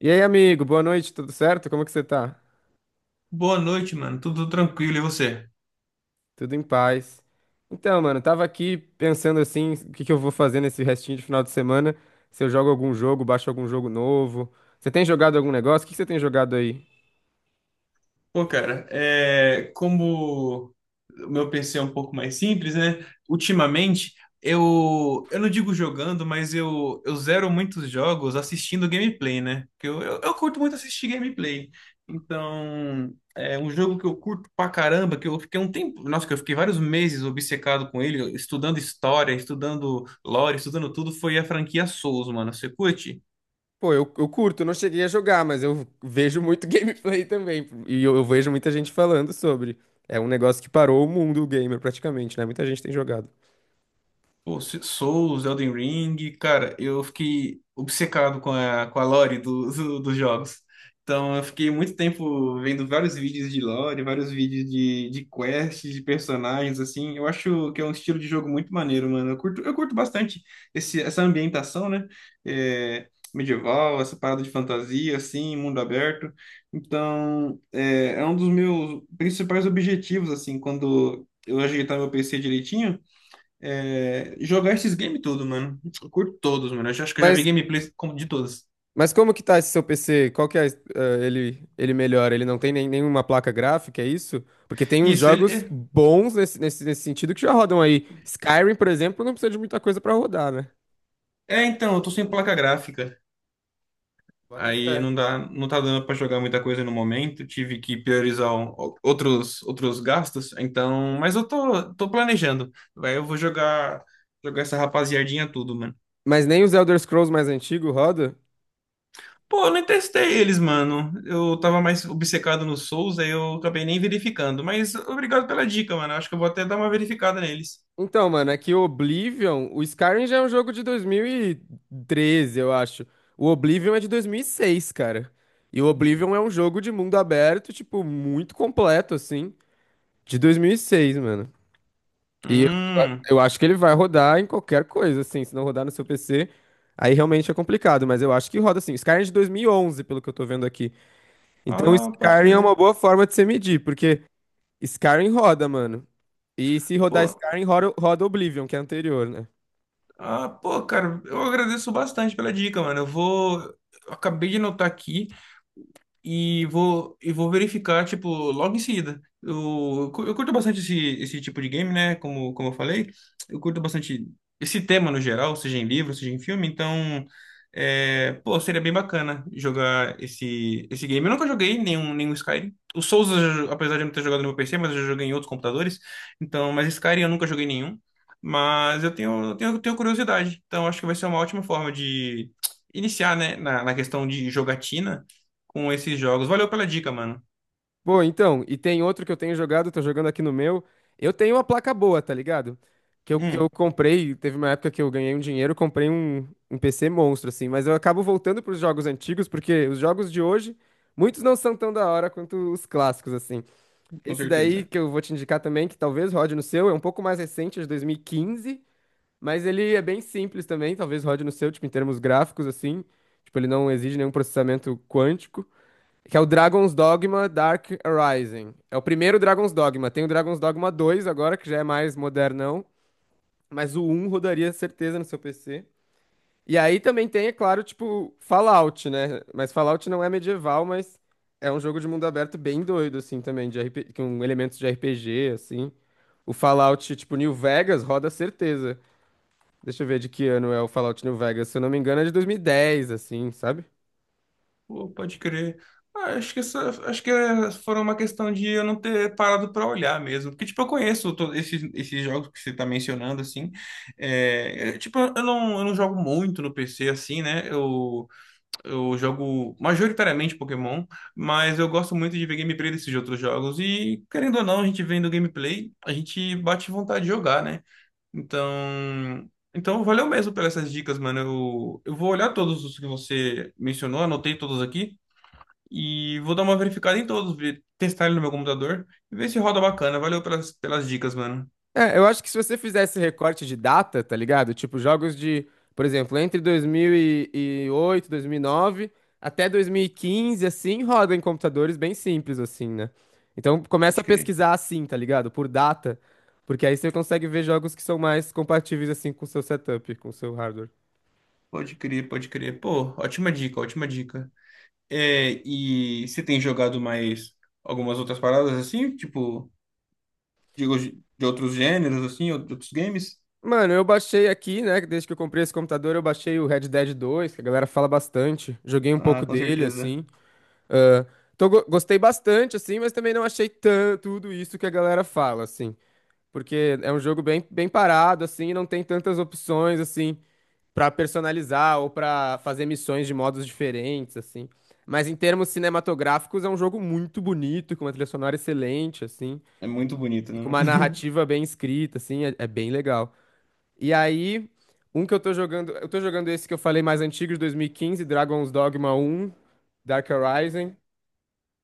E aí, amigo, boa noite, tudo certo? Como é que você tá? Boa noite, mano. Tudo tranquilo, e você? Tudo em paz. Então, mano, tava aqui pensando assim, o que que eu vou fazer nesse restinho de final de semana? Se eu jogo algum jogo, baixo algum jogo novo. Você tem jogado algum negócio? O que que você tem jogado aí? Como o meu PC é um pouco mais simples, né? Ultimamente, eu não digo jogando, mas eu zero muitos jogos assistindo gameplay, né? Porque eu curto muito assistir gameplay. Então, é um jogo que eu curto pra caramba, que eu fiquei um tempo, nossa, que eu fiquei vários meses obcecado com ele, estudando história, estudando lore, estudando tudo, foi a franquia Souls, mano. Você curte? Pô, eu curto, não cheguei a jogar, mas eu vejo muito gameplay também. E eu vejo muita gente falando sobre. É um negócio que parou o mundo gamer praticamente, né? Muita gente tem jogado. Pô, Souls, Elden Ring, cara, eu fiquei obcecado com a lore dos jogos. Então, eu fiquei muito tempo vendo vários vídeos de lore, vários vídeos de quests, de personagens, assim. Eu acho que é um estilo de jogo muito maneiro, mano. Eu curto bastante essa ambientação, né? É, medieval, essa parada de fantasia, assim, mundo aberto. Então, é um dos meus principais objetivos, assim, quando eu ajeitar meu PC direitinho é, jogar esses games tudo, mano. Eu curto todos, mano. Acho que eu já vi Mas de todos. Mas como que tá esse seu PC? Qual que é, ele melhora? Ele não tem nem, nenhuma placa gráfica, é isso? Porque tem uns Isso, jogos ele. bons nesse sentido que já rodam aí. Skyrim, por exemplo, não precisa de muita coisa pra rodar, né? Então, eu tô sem placa gráfica. Bota Aí fé. não dá, não tá dando pra jogar muita coisa no momento. Tive que priorizar outros, outros gastos. Então, mas eu tô planejando. Aí eu vou jogar essa rapaziadinha tudo, mano. Mas nem os Elder Scrolls mais antigos roda? Pô, eu nem testei eles, mano. Eu tava mais obcecado no Souls, aí eu acabei nem verificando. Mas obrigado pela dica, mano. Eu acho que eu vou até dar uma verificada neles. Então, mano, é que o Oblivion, o Skyrim já é um jogo de dois mil e treze, eu acho. O Oblivion é de 2006, cara. E o Oblivion é um jogo de mundo aberto, tipo, muito completo, assim, de 2006, mano. E Hum. eu acho que ele vai rodar em qualquer coisa, assim. Se não rodar no seu PC, aí realmente é complicado. Mas eu acho que roda, assim. Skyrim é de 2011, pelo que eu tô vendo aqui. Então, Ah, pode Skyrim é uma crer. boa forma de você medir, porque Skyrim roda, mano. E se rodar Pô, Skyrim, roda Oblivion, que é anterior, né? pô, cara, eu agradeço bastante pela dica, mano. Eu vou. Eu acabei de anotar aqui. E vou verificar, tipo, logo em seguida. Eu curto bastante esse tipo de game, né? Como, como eu falei, eu curto bastante esse tema no geral, seja em livro, seja em filme, então, é, pô, seria bem bacana jogar esse game. Eu nunca joguei nenhum Skyrim. O Souls, apesar de eu não ter jogado no meu PC, mas eu já joguei em outros computadores, então, mas Skyrim eu nunca joguei nenhum. Mas eu tenho curiosidade, então acho que vai ser uma ótima forma de iniciar, né, na, na questão de jogatina com esses jogos. Valeu pela dica, mano. Pô, então, e tem outro que eu tenho jogado, tô jogando aqui no meu. Eu tenho uma placa boa, tá ligado? Que eu Hum, comprei, teve uma época que eu ganhei um dinheiro, comprei um PC monstro, assim, mas eu acabo voltando pros jogos antigos, porque os jogos de hoje, muitos não são tão da hora quanto os clássicos, assim. com Esse daí certeza. que eu vou te indicar também, que talvez rode no seu, é um pouco mais recente, é de 2015, mas ele é bem simples também, talvez rode no seu, tipo, em termos gráficos, assim. Tipo, ele não exige nenhum processamento quântico. Que é o Dragon's Dogma Dark Rising. É o primeiro Dragon's Dogma. Tem o Dragon's Dogma 2 agora, que já é mais modernão. Mas o um rodaria certeza no seu PC. E aí também tem, é claro, tipo, Fallout, né? Mas Fallout não é medieval, mas é um jogo de mundo aberto bem doido, assim, também, com elementos de RPG, assim. O Fallout, tipo, New Vegas roda certeza. Deixa eu ver de que ano é o Fallout New Vegas. Se eu não me engano, é de 2010, assim, sabe? Pô, pode crer. Ah, acho que acho que foram uma questão de eu não ter parado pra olhar mesmo. Porque, tipo, eu esses, esses jogos que você tá mencionando, assim. Tipo, eu não jogo muito no PC, assim, né? Eu jogo majoritariamente Pokémon, mas eu gosto muito de ver gameplay desses outros jogos. E, querendo ou não, a gente vendo gameplay, a gente bate vontade de jogar, né? Então, então valeu mesmo pelas essas dicas, mano. Eu vou olhar todos os que você mencionou, anotei todos aqui e vou dar uma verificada em todos, testar ele no meu computador e ver se roda bacana. Valeu pelas, pelas dicas, mano. É, eu acho que se você fizesse recorte de data, tá ligado? Tipo, jogos de, por exemplo, entre 2008, 2009 até 2015, assim, roda em computadores bem simples, assim, né? Então, começa Pode a crer, pesquisar assim, tá ligado? Por data, porque aí você consegue ver jogos que são mais compatíveis, assim, com o seu setup, com o seu hardware. pode crer. Pô, ótima dica, ótima dica. É, e você tem jogado mais algumas outras paradas, assim? Tipo, digo, de outros gêneros, assim, ou de outros games? Mano, eu baixei aqui, né? Desde que eu comprei esse computador, eu baixei o Red Dead 2, que a galera fala bastante. Joguei um Ah, pouco com dele, certeza. assim. Ah, então gostei bastante, assim, mas também não achei tudo isso que a galera fala, assim. Porque é um jogo bem, bem parado, assim, não tem tantas opções, assim, pra personalizar ou pra fazer missões de modos diferentes, assim. Mas em termos cinematográficos, é um jogo muito bonito, com uma trilha sonora excelente, assim, É muito bonito, e com né? uma narrativa bem escrita, assim, é, é bem legal. E aí, um que eu tô jogando esse que eu falei mais antigo, de 2015, Dragon's Dogma um, Dark Horizon,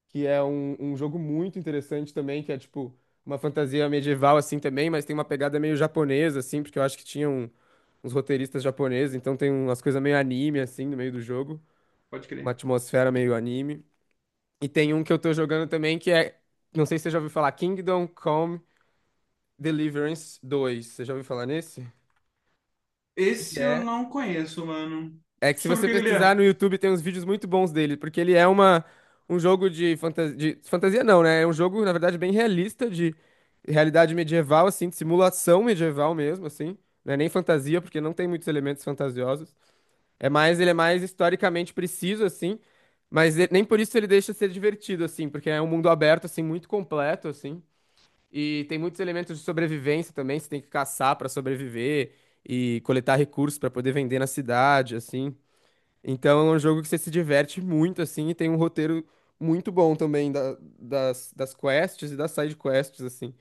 que é um, um jogo muito interessante também, que é tipo uma fantasia medieval assim também, mas tem uma pegada meio japonesa assim, porque eu acho que tinham uns roteiristas japoneses, então tem umas coisas meio anime assim no meio do jogo, Pode uma crer. atmosfera meio anime. E tem um que eu tô jogando também que é, não sei se você já ouviu falar, Kingdom Come Deliverance dois. Você já ouviu falar nesse? Que Esse eu é... não conheço, mano. É que se Sobre o você que que ele pesquisar no é? YouTube tem uns vídeos muito bons dele, porque ele é uma, um jogo de, de fantasia não, né? É um jogo, na verdade, bem realista de realidade medieval, assim, de simulação medieval mesmo, assim. Não é nem fantasia, porque não tem muitos elementos fantasiosos. É mais, ele é mais historicamente preciso, assim, mas nem por isso ele deixa de ser divertido, assim, porque é um mundo aberto, assim, muito completo, assim. E tem muitos elementos de sobrevivência também, você tem que caçar pra sobreviver e coletar recursos pra poder vender na cidade, assim. Então é um jogo que você se diverte muito, assim, e tem um roteiro muito bom também das, das quests e das side quests, assim.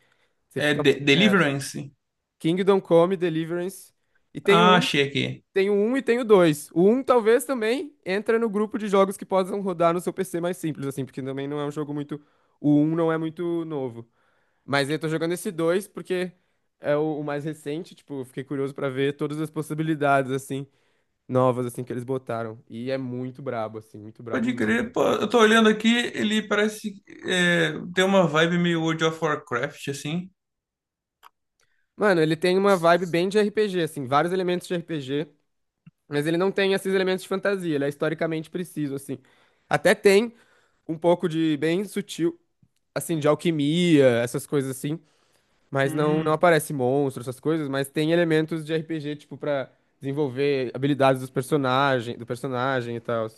Você É fica muito imerso. Deliverance? Kingdom Come Deliverance. E tem o Ah, 1, achei aqui. tem o um e tem o dois. O um talvez também entra no grupo de jogos que possam rodar no seu PC mais simples, assim, porque também não é um jogo muito. O um não é muito novo. Mas eu tô jogando esse 2 porque é o mais recente, tipo, eu fiquei curioso pra ver todas as possibilidades, assim novas, assim, que eles botaram. E é muito brabo, assim, muito brabo Pode mesmo. crer, pô, eu tô olhando aqui, ele parece é, ter uma vibe meio World of Warcraft, assim. Mano, ele tem uma vibe bem de RPG, assim, vários elementos de RPG, mas ele não tem esses elementos de fantasia, ele é historicamente preciso, assim. Até tem um pouco de bem sutil, assim, de alquimia, essas coisas assim, mas não Hum, aparece monstro, essas coisas, mas tem elementos de RPG, tipo, pra desenvolver habilidades dos personagem, do personagem e tal.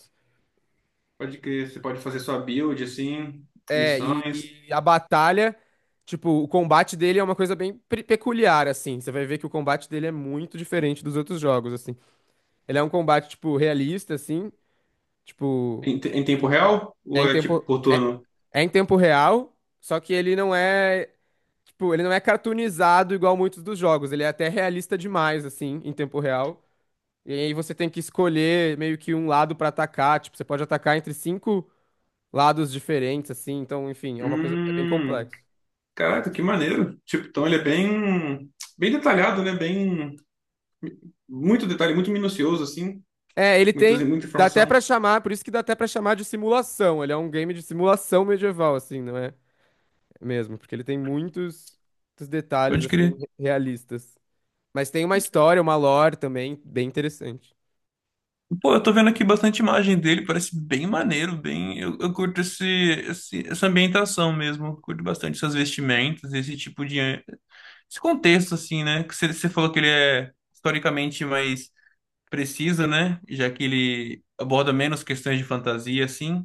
pode crer, você pode fazer sua build, assim, É, e, missões, e a batalha, tipo, o combate dele é uma coisa bem peculiar, assim. Você vai ver que o combate dele é muito diferente dos outros jogos, assim. Ele é um combate, tipo, realista, assim. Tipo, em, em tempo real? é Ou em é tipo tempo, por é, turno? é em tempo real, só que ele não é, tipo, ele não é cartoonizado igual muitos dos jogos. Ele é até realista demais, assim, em tempo real. E aí você tem que escolher meio que um lado pra atacar. Tipo, você pode atacar entre cinco lados diferentes, assim. Então, enfim, é uma coisa bem Hum, complexa. caraca, que maneiro. Tipo, então ele é bem detalhado, né? Bem, muito detalhe, muito minucioso, assim, É, ele tem. muita Dá até pra informação. chamar, por isso que dá até pra chamar de simulação. Ele é um game de simulação medieval, assim, não é? Mesmo, porque ele tem muitos, muitos detalhes, Pode assim, crer. realistas. Mas tem uma história, uma lore também, bem interessante. Pô, eu tô vendo aqui bastante imagem dele, parece bem maneiro, bem. Eu curto essa ambientação mesmo, eu curto bastante essas vestimentas, esse tipo de. Esse contexto, assim, né? Que você falou que ele é historicamente mais preciso, né? Já que ele aborda menos questões de fantasia, assim.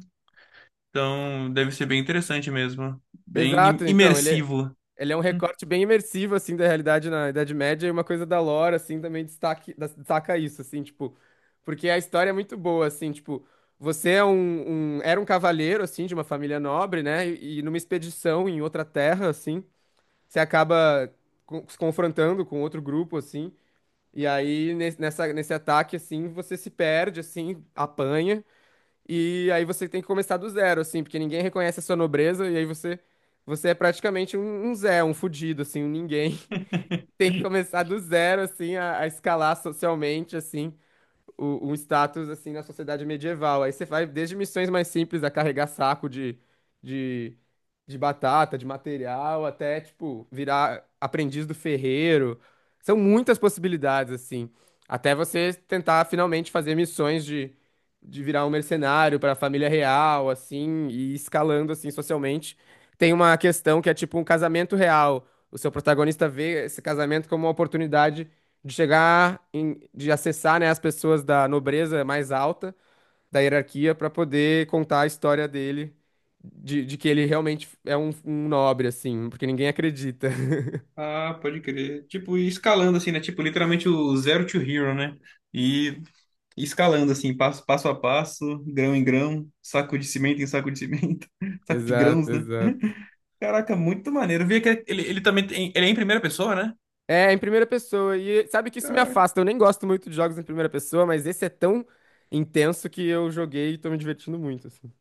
Então, deve ser bem interessante mesmo, bem Exato, então, imersivo. ele é um Hum. recorte bem imersivo, assim, da realidade na Idade Média, e uma coisa da lore, assim, também destaque, destaca isso, assim, tipo, porque a história é muito boa, assim, tipo, você é um, era um cavaleiro, assim, de uma família nobre, né, e numa expedição em outra terra, assim, você acaba se confrontando com outro grupo, assim, e aí nesse ataque, assim, você se perde, assim, apanha, e aí você tem que começar do zero, assim, porque ninguém reconhece a sua nobreza, e aí você, você é praticamente um, um Zé, um fudido, assim, um ninguém. Tem que começar do zero, assim, a escalar socialmente, assim, um status assim na sociedade medieval. Aí você vai desde missões mais simples a carregar saco de, de batata, de material, até tipo virar aprendiz do ferreiro. São muitas possibilidades assim, até você tentar finalmente fazer missões de virar um mercenário para a família real, assim, e escalando assim socialmente. Tem uma questão que é tipo um casamento real. O seu protagonista vê esse casamento como uma oportunidade de de acessar, né, as pessoas da nobreza mais alta da hierarquia para poder contar a história dele de que ele realmente é um, um nobre assim, porque ninguém acredita. Ah, pode crer. Tipo, e escalando assim, né? Tipo, literalmente o zero to hero, né? E escalando assim, passo, passo a passo, grão em grão, saco de cimento em saco de cimento, saco de Exato, grãos, né? exato. Caraca, muito maneiro. Vi que ele também tem, ele é em primeira pessoa, né? É, em primeira pessoa. E sabe que isso me afasta. Eu nem gosto muito de jogos em primeira pessoa, mas esse é tão intenso que eu joguei e tô me divertindo muito, assim.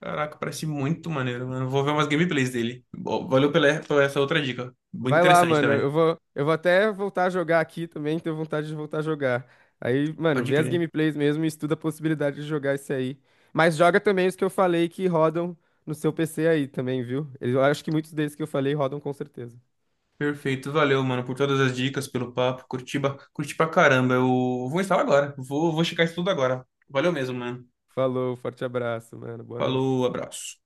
Caraca, parece muito maneiro, mano. Vou ver umas gameplays dele. Valeu pela, por essa outra dica. Muito Vai lá, interessante mano. também. Eu vou até voltar a jogar aqui também, tenho vontade de voltar a jogar. Aí, mano, Pode vê as crer. gameplays mesmo e estuda a possibilidade de jogar esse aí. Mas joga também os que eu falei que rodam no seu PC aí também, viu? Eu acho que muitos desses que eu falei rodam com certeza. Perfeito, valeu, mano, por todas as dicas, pelo papo. Curti, curti pra caramba. Eu vou instalar agora. Vou checar isso tudo agora. Valeu mesmo, mano. Falou, forte abraço, mano. Boa noite. Falou, abraço.